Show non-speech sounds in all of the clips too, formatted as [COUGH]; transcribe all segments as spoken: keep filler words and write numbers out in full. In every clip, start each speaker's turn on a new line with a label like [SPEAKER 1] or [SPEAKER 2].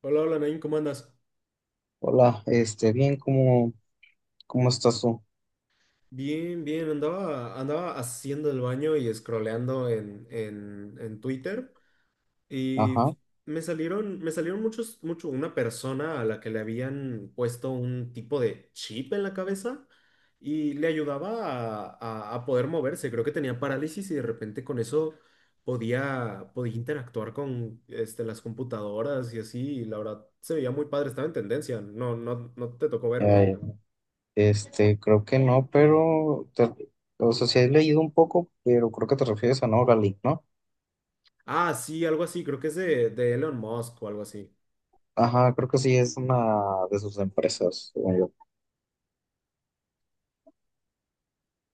[SPEAKER 1] Hola, hola Nain, ¿cómo andas?
[SPEAKER 2] Hola, este, bien, ¿cómo, cómo estás tú?
[SPEAKER 1] Bien, bien, andaba, andaba haciendo el baño y scrolleando en, en, en Twitter y
[SPEAKER 2] Ajá,
[SPEAKER 1] me salieron, me salieron muchos, mucho una persona a la que le habían puesto un tipo de chip en la cabeza y le ayudaba a, a- a poder moverse. Creo que tenía parálisis y de repente con eso podía, podía interactuar con este, las computadoras y así. Y la verdad se veía muy padre, estaba en tendencia. No, no, ¿no te tocó
[SPEAKER 2] ya,
[SPEAKER 1] verlo?
[SPEAKER 2] ya. Este, creo que no, pero, te- o sea, sí he leído un poco, pero creo que te refieres a Neuralink, ¿no?
[SPEAKER 1] Ah, sí, algo así, creo que es de, de Elon Musk o algo así.
[SPEAKER 2] Ajá, creo que sí, es una de sus empresas, según yo.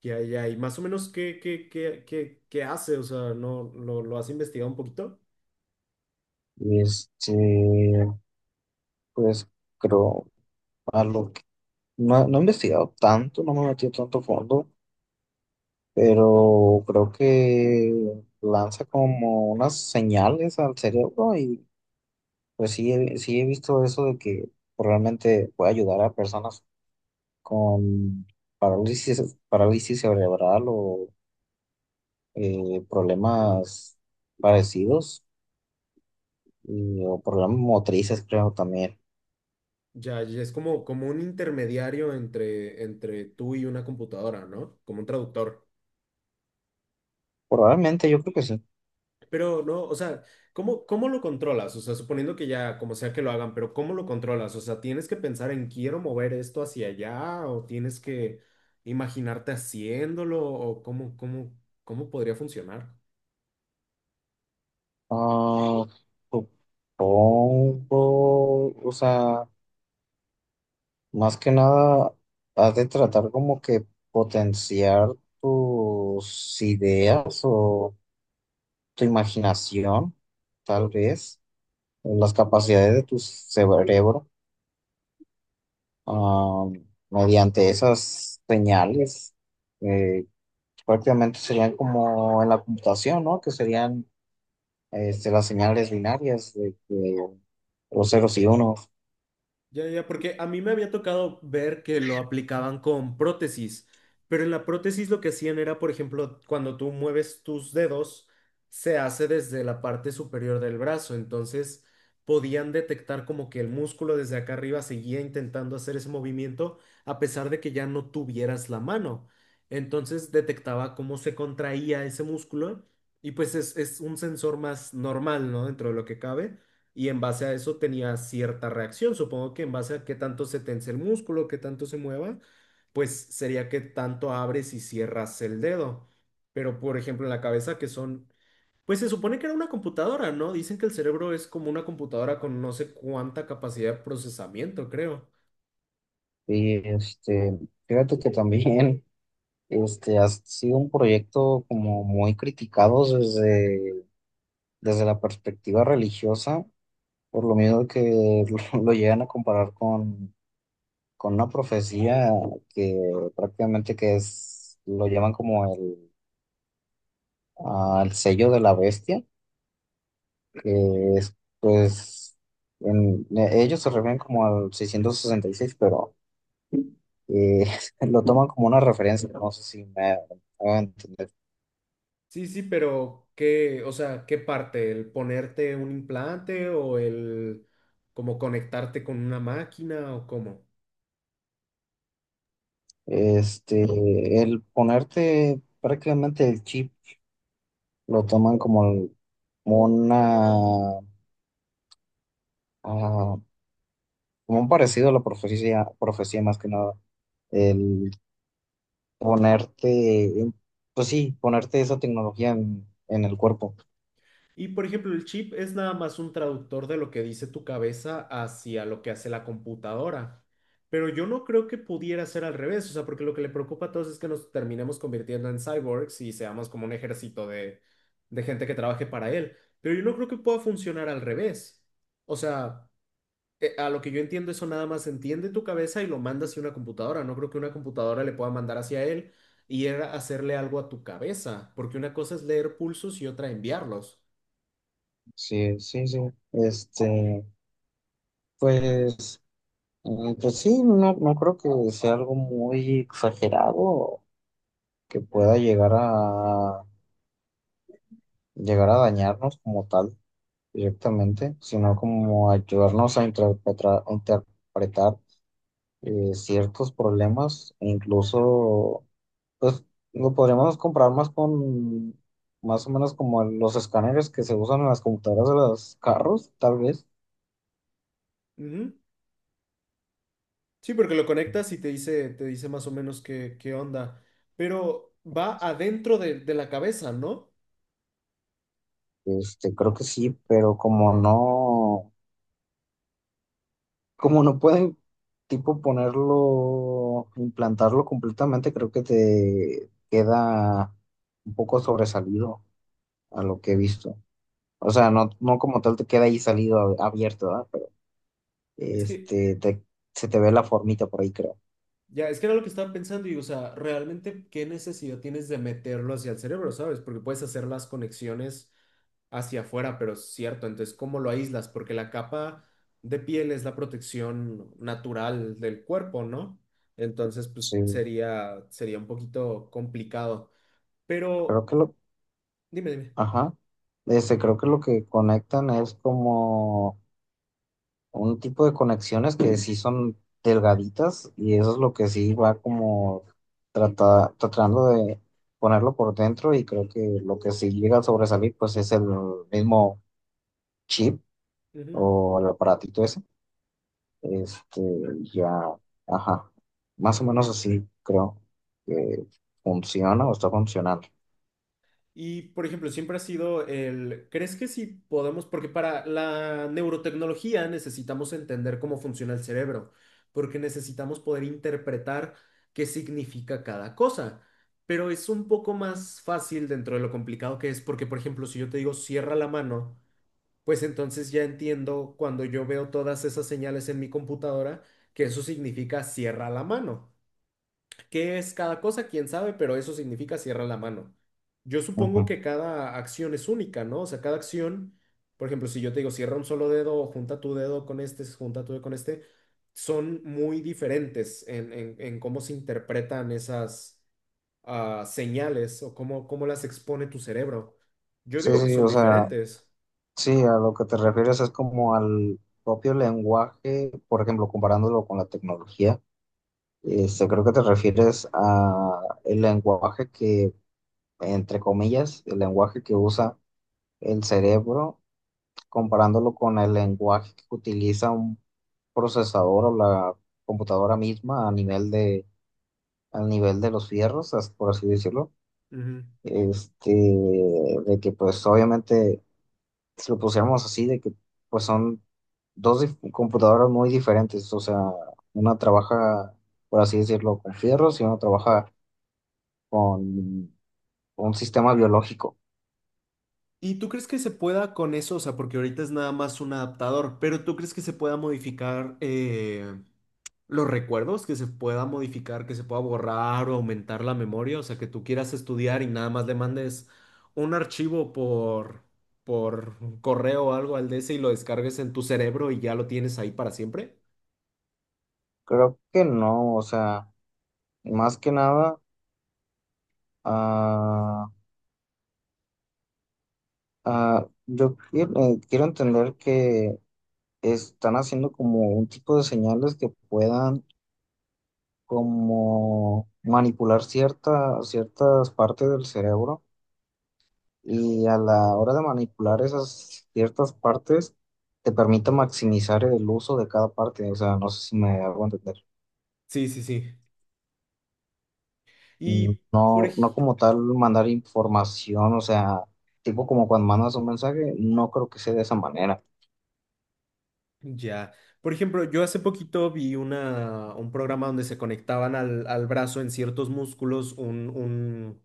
[SPEAKER 1] Ya, ya, y más o menos qué, qué, qué, qué, qué hace, o sea, no lo, lo has investigado un poquito.
[SPEAKER 2] Este, pues, creo, a lo que, No, no he investigado tanto, no me he metido tanto fondo, pero creo que lanza como unas señales al cerebro. Pues sí, he- sí he visto eso de que realmente puede ayudar a personas con parálisis, parálisis cerebral o eh, problemas parecidos y- o problemas motrices, creo también.
[SPEAKER 1] Ya, ya es como, como un intermediario entre, entre tú y una computadora, ¿no? Como un traductor.
[SPEAKER 2] Probablemente, yo creo que sí.
[SPEAKER 1] Pero no, o sea, ¿cómo, cómo lo controlas? O sea, suponiendo que ya, como sea que lo hagan, pero ¿cómo lo controlas? O sea, ¿tienes que pensar en quiero mover esto hacia allá? ¿O tienes que imaginarte haciéndolo? ¿O cómo, cómo, cómo podría funcionar?
[SPEAKER 2] Ah, Supongo, o sea, más que nada, has de tratar como que potenciar tus ideas o tu imaginación, tal vez. Las capacidades de tu cerebro, ah, mediante esas señales, eh, prácticamente serían como en la computación, ¿no? Que serían, este, las señales binarias de, de los ceros y unos.
[SPEAKER 1] Ya, ya, porque a mí me había tocado ver que lo aplicaban con prótesis, pero en la prótesis lo que hacían era, por ejemplo, cuando tú mueves tus dedos, se hace desde la parte superior del brazo, entonces podían detectar como que el músculo desde acá arriba seguía intentando hacer ese movimiento a pesar de que ya no tuvieras la mano. Entonces detectaba cómo se contraía ese músculo y pues es, es un sensor más normal, ¿no? Dentro de lo que cabe y en base a eso tenía cierta reacción. Supongo que en base a qué tanto se tense el músculo, qué tanto se mueva, pues sería que tanto abres y cierras el dedo. Pero por ejemplo en la cabeza que son, pues se supone que era una computadora, ¿no? Dicen que el cerebro es como una computadora con no sé cuánta capacidad de procesamiento, creo.
[SPEAKER 2] Y este, fíjate que también, este, ha sido un proyecto como muy criticado desde, desde la perspectiva religiosa, por lo mismo que [LAUGHS] lo, llegan a comparar con una profecía que prácticamente que es, lo llaman como el, ah, el sello de la bestia, que es, pues, en- e, ellos se refieren como al seiscientos sesenta y seis, pero eh, [LAUGHS] lo toman como una referencia, no sé si me voy a entender.
[SPEAKER 1] Sí, sí, pero ¿qué, o sea, qué parte? ¿El ponerte un implante o el como conectarte con una máquina o cómo?
[SPEAKER 2] Este, el ponerte prácticamente el chip, lo toman como, el- como una, ah, como un parecido a la profecía, profecía más que nada. El ponerte, en- pues sí, ponerte esa tecnología en, en el cuerpo.
[SPEAKER 1] Y por ejemplo, el chip es nada más un traductor de lo que dice tu cabeza hacia lo que hace la computadora. Pero yo no creo que pudiera ser al revés, o sea, porque lo que le preocupa a todos es que nos terminemos convirtiendo en cyborgs y seamos como un ejército de, de gente que trabaje para él. Pero yo no creo que pueda funcionar al revés. O sea, eh, a lo que yo entiendo, eso nada más entiende tu cabeza y lo manda hacia una computadora. No creo que una computadora le pueda mandar hacia él y él hacerle algo a tu cabeza, porque una cosa es leer pulsos y otra enviarlos.
[SPEAKER 2] Sí, sí, sí. Este, pues, mm, pues sí, no, no creo que sea algo muy exagerado que pueda llegar a llegar a dañarnos como tal directamente, sino como ayudarnos a interpretar, interpretar eh, ciertos problemas, e incluso, pues lo podríamos comparar más con, más o menos como los escáneres que se usan en las computadoras de los carros, tal vez.
[SPEAKER 1] Ujú. Sí, porque lo conectas y te dice, te dice más o menos qué, qué onda. Pero va adentro de, de la cabeza, ¿no?
[SPEAKER 2] Este, creo que sí, pero como no, como no pueden, tipo, ponerlo, implantarlo completamente, creo que te queda un poco sobresalido a lo que he visto. O sea, no, no como tal te queda ahí salido abierto, ¿verdad?
[SPEAKER 1] Es que,
[SPEAKER 2] Este, te- Se te ve la formita por ahí, creo.
[SPEAKER 1] ya, es que era lo que estaba pensando y, o sea, realmente, ¿qué necesidad tienes de meterlo hacia el cerebro, ¿sabes? Porque puedes hacer las conexiones hacia afuera, pero es cierto, entonces, ¿cómo lo aíslas? Porque la capa de piel es la protección natural del cuerpo, ¿no? Entonces, pues
[SPEAKER 2] Sí,
[SPEAKER 1] sería, sería un poquito complicado.
[SPEAKER 2] creo
[SPEAKER 1] Pero,
[SPEAKER 2] que lo,
[SPEAKER 1] dime, dime.
[SPEAKER 2] ajá. Este, creo que lo que conectan es como un tipo de conexiones que sí son delgaditas y eso es lo que sí va como trata- tratando de ponerlo por dentro, y creo que lo que sí llega a sobresalir pues es el mismo chip
[SPEAKER 1] Ujú.
[SPEAKER 2] o el aparatito ese. Este, ya, ajá. Más o menos así creo que funciona o está funcionando.
[SPEAKER 1] Y, por ejemplo, siempre ha sido el, ¿crees que sí podemos? Porque para la neurotecnología necesitamos entender cómo funciona el cerebro, porque necesitamos poder interpretar qué significa cada cosa. Pero es un poco más fácil dentro de lo complicado que es, porque, por ejemplo, si yo te digo cierra la mano, pues entonces ya entiendo cuando yo veo todas esas señales en mi computadora que eso significa cierra la mano. ¿Qué es cada cosa? ¿Quién sabe? Pero eso significa cierra la mano. Yo supongo
[SPEAKER 2] Ujú.
[SPEAKER 1] que cada acción es única, ¿no? O sea, cada acción, por ejemplo, si yo te digo cierra un solo dedo, o junta tu dedo con este, junta tu dedo con este, son muy diferentes en, en- en cómo se interpretan esas ah, señales o cómo, cómo las expone tu cerebro. Yo
[SPEAKER 2] Sí,
[SPEAKER 1] digo que
[SPEAKER 2] sí,
[SPEAKER 1] son
[SPEAKER 2] o sea,
[SPEAKER 1] diferentes.
[SPEAKER 2] sí, a lo que te refieres es como al propio lenguaje, por ejemplo, comparándolo con la tecnología, este, creo que te refieres a el lenguaje que, entre comillas, el lenguaje que usa el cerebro, comparándolo con el lenguaje que utiliza un procesador o la computadora misma a nivel de, al nivel de los fierros, as- por así decirlo,
[SPEAKER 1] Ujú.
[SPEAKER 2] este, de que pues obviamente si lo pusiéramos así, de que pues son dos dif- computadoras muy diferentes, o sea, una trabaja, por así decirlo, con fierros y una trabaja con un sistema biológico.
[SPEAKER 1] ¿Y tú crees que se pueda con eso? O sea, porque ahorita es nada más un adaptador, pero ¿tú crees que se pueda modificar? Eh, los recuerdos que se pueda modificar, que se pueda borrar o aumentar la memoria, o sea, que tú quieras estudiar y nada más le mandes un archivo por, por correo o algo al D S y lo descargues en tu cerebro y ya lo tienes ahí para siempre.
[SPEAKER 2] Creo que no, o sea, más que nada, ah, ah, yo quiero, eh, quiero entender que están haciendo como un tipo de señales que puedan como manipular cierta, ciertas partes del cerebro, y a la hora de manipular esas ciertas partes, te permite maximizar el uso de cada parte. O sea, no sé si me hago entender.
[SPEAKER 1] Sí, sí, sí.
[SPEAKER 2] Mm,
[SPEAKER 1] Y por,
[SPEAKER 2] no, no
[SPEAKER 1] ej-
[SPEAKER 2] como tal mandar información, o sea, tipo como cuando mandas un mensaje, no creo que sea de esa manera.
[SPEAKER 1] ya. Por ejemplo, yo hace poquito vi una, un programa donde se conectaban al, al brazo en ciertos músculos un, un-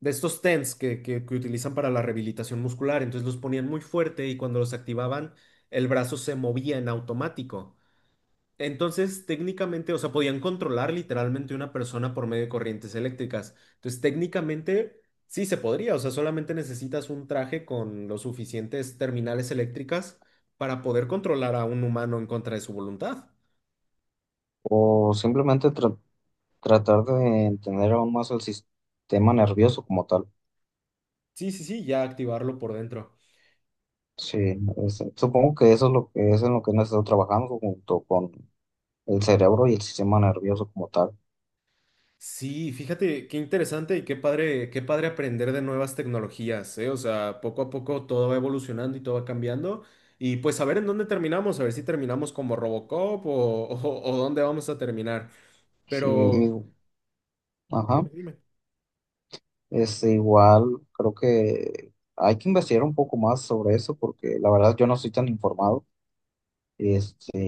[SPEAKER 1] de estos T E N S que, que, que utilizan para la rehabilitación muscular. Entonces los ponían muy fuerte y cuando los activaban, el brazo se movía en automático. Entonces, técnicamente, o sea, podían controlar literalmente una persona por medio de corrientes eléctricas. Entonces, técnicamente, sí se podría. O sea, solamente necesitas un traje con los suficientes terminales eléctricas para poder controlar a un humano en contra de su voluntad.
[SPEAKER 2] O simplemente tra- tratar de entender aún más el sistema nervioso como tal.
[SPEAKER 1] Sí, sí, sí, ya activarlo por dentro.
[SPEAKER 2] Sí, es- supongo que eso es lo que es en lo que hemos estado trabajando junto con el cerebro y el sistema nervioso como tal.
[SPEAKER 1] Sí, fíjate qué interesante y qué padre, qué padre aprender de nuevas tecnologías, ¿eh? O sea, poco a poco todo va evolucionando y todo va cambiando. Y pues a ver en dónde terminamos, a ver si terminamos como Robocop o, [LAUGHS] o, o dónde vamos a terminar.
[SPEAKER 2] Sí,
[SPEAKER 1] Pero
[SPEAKER 2] y-
[SPEAKER 1] dime,
[SPEAKER 2] ajá.
[SPEAKER 1] dime.
[SPEAKER 2] Este, igual creo que hay que investigar un poco más sobre eso porque la verdad yo no estoy tan informado. Este,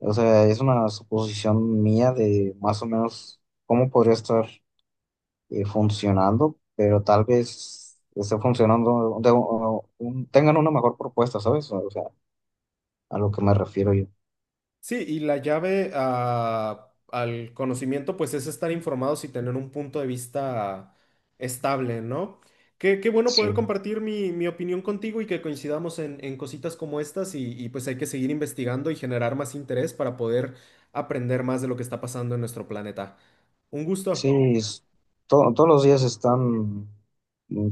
[SPEAKER 2] o sea, es una suposición mía de más o menos cómo podría estar eh, funcionando, pero tal vez esté funcionando, de- o- un- tengan una mejor propuesta, ¿sabes? O sea, a lo que me refiero yo.
[SPEAKER 1] Sí, y la llave a- al conocimiento, pues es estar informados y tener un punto de vista estable, ¿no? Qué, qué bueno poder
[SPEAKER 2] Sí,
[SPEAKER 1] compartir mi, mi opinión contigo y que coincidamos en, en cositas como estas y, y pues hay que seguir investigando y generar más interés para poder aprender más de lo que está pasando en nuestro planeta. Un
[SPEAKER 2] sí,
[SPEAKER 1] gusto.
[SPEAKER 2] es- to- todos los días están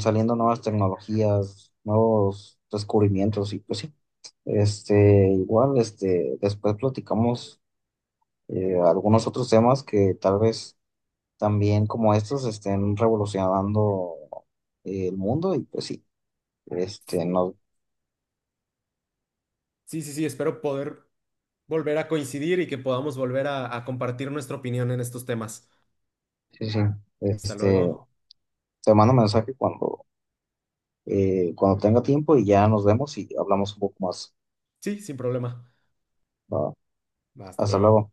[SPEAKER 2] saliendo nuevas tecnologías, nuevos descubrimientos y pues sí. Este, igual, este, después platicamos eh, algunos otros temas que tal vez también como estos estén revolucionando eh, el mundo, y pues sí, este, no,
[SPEAKER 1] Sí, sí, sí, espero poder volver a coincidir y que podamos volver a a compartir nuestra opinión en estos temas.
[SPEAKER 2] sí, sí,
[SPEAKER 1] Hasta
[SPEAKER 2] este,
[SPEAKER 1] luego.
[SPEAKER 2] te mando mensaje cuando, eh, cuando tenga tiempo y ya nos vemos y hablamos un poco más.
[SPEAKER 1] Sí, sin problema.
[SPEAKER 2] Va.
[SPEAKER 1] Hasta
[SPEAKER 2] Hasta
[SPEAKER 1] luego.
[SPEAKER 2] luego.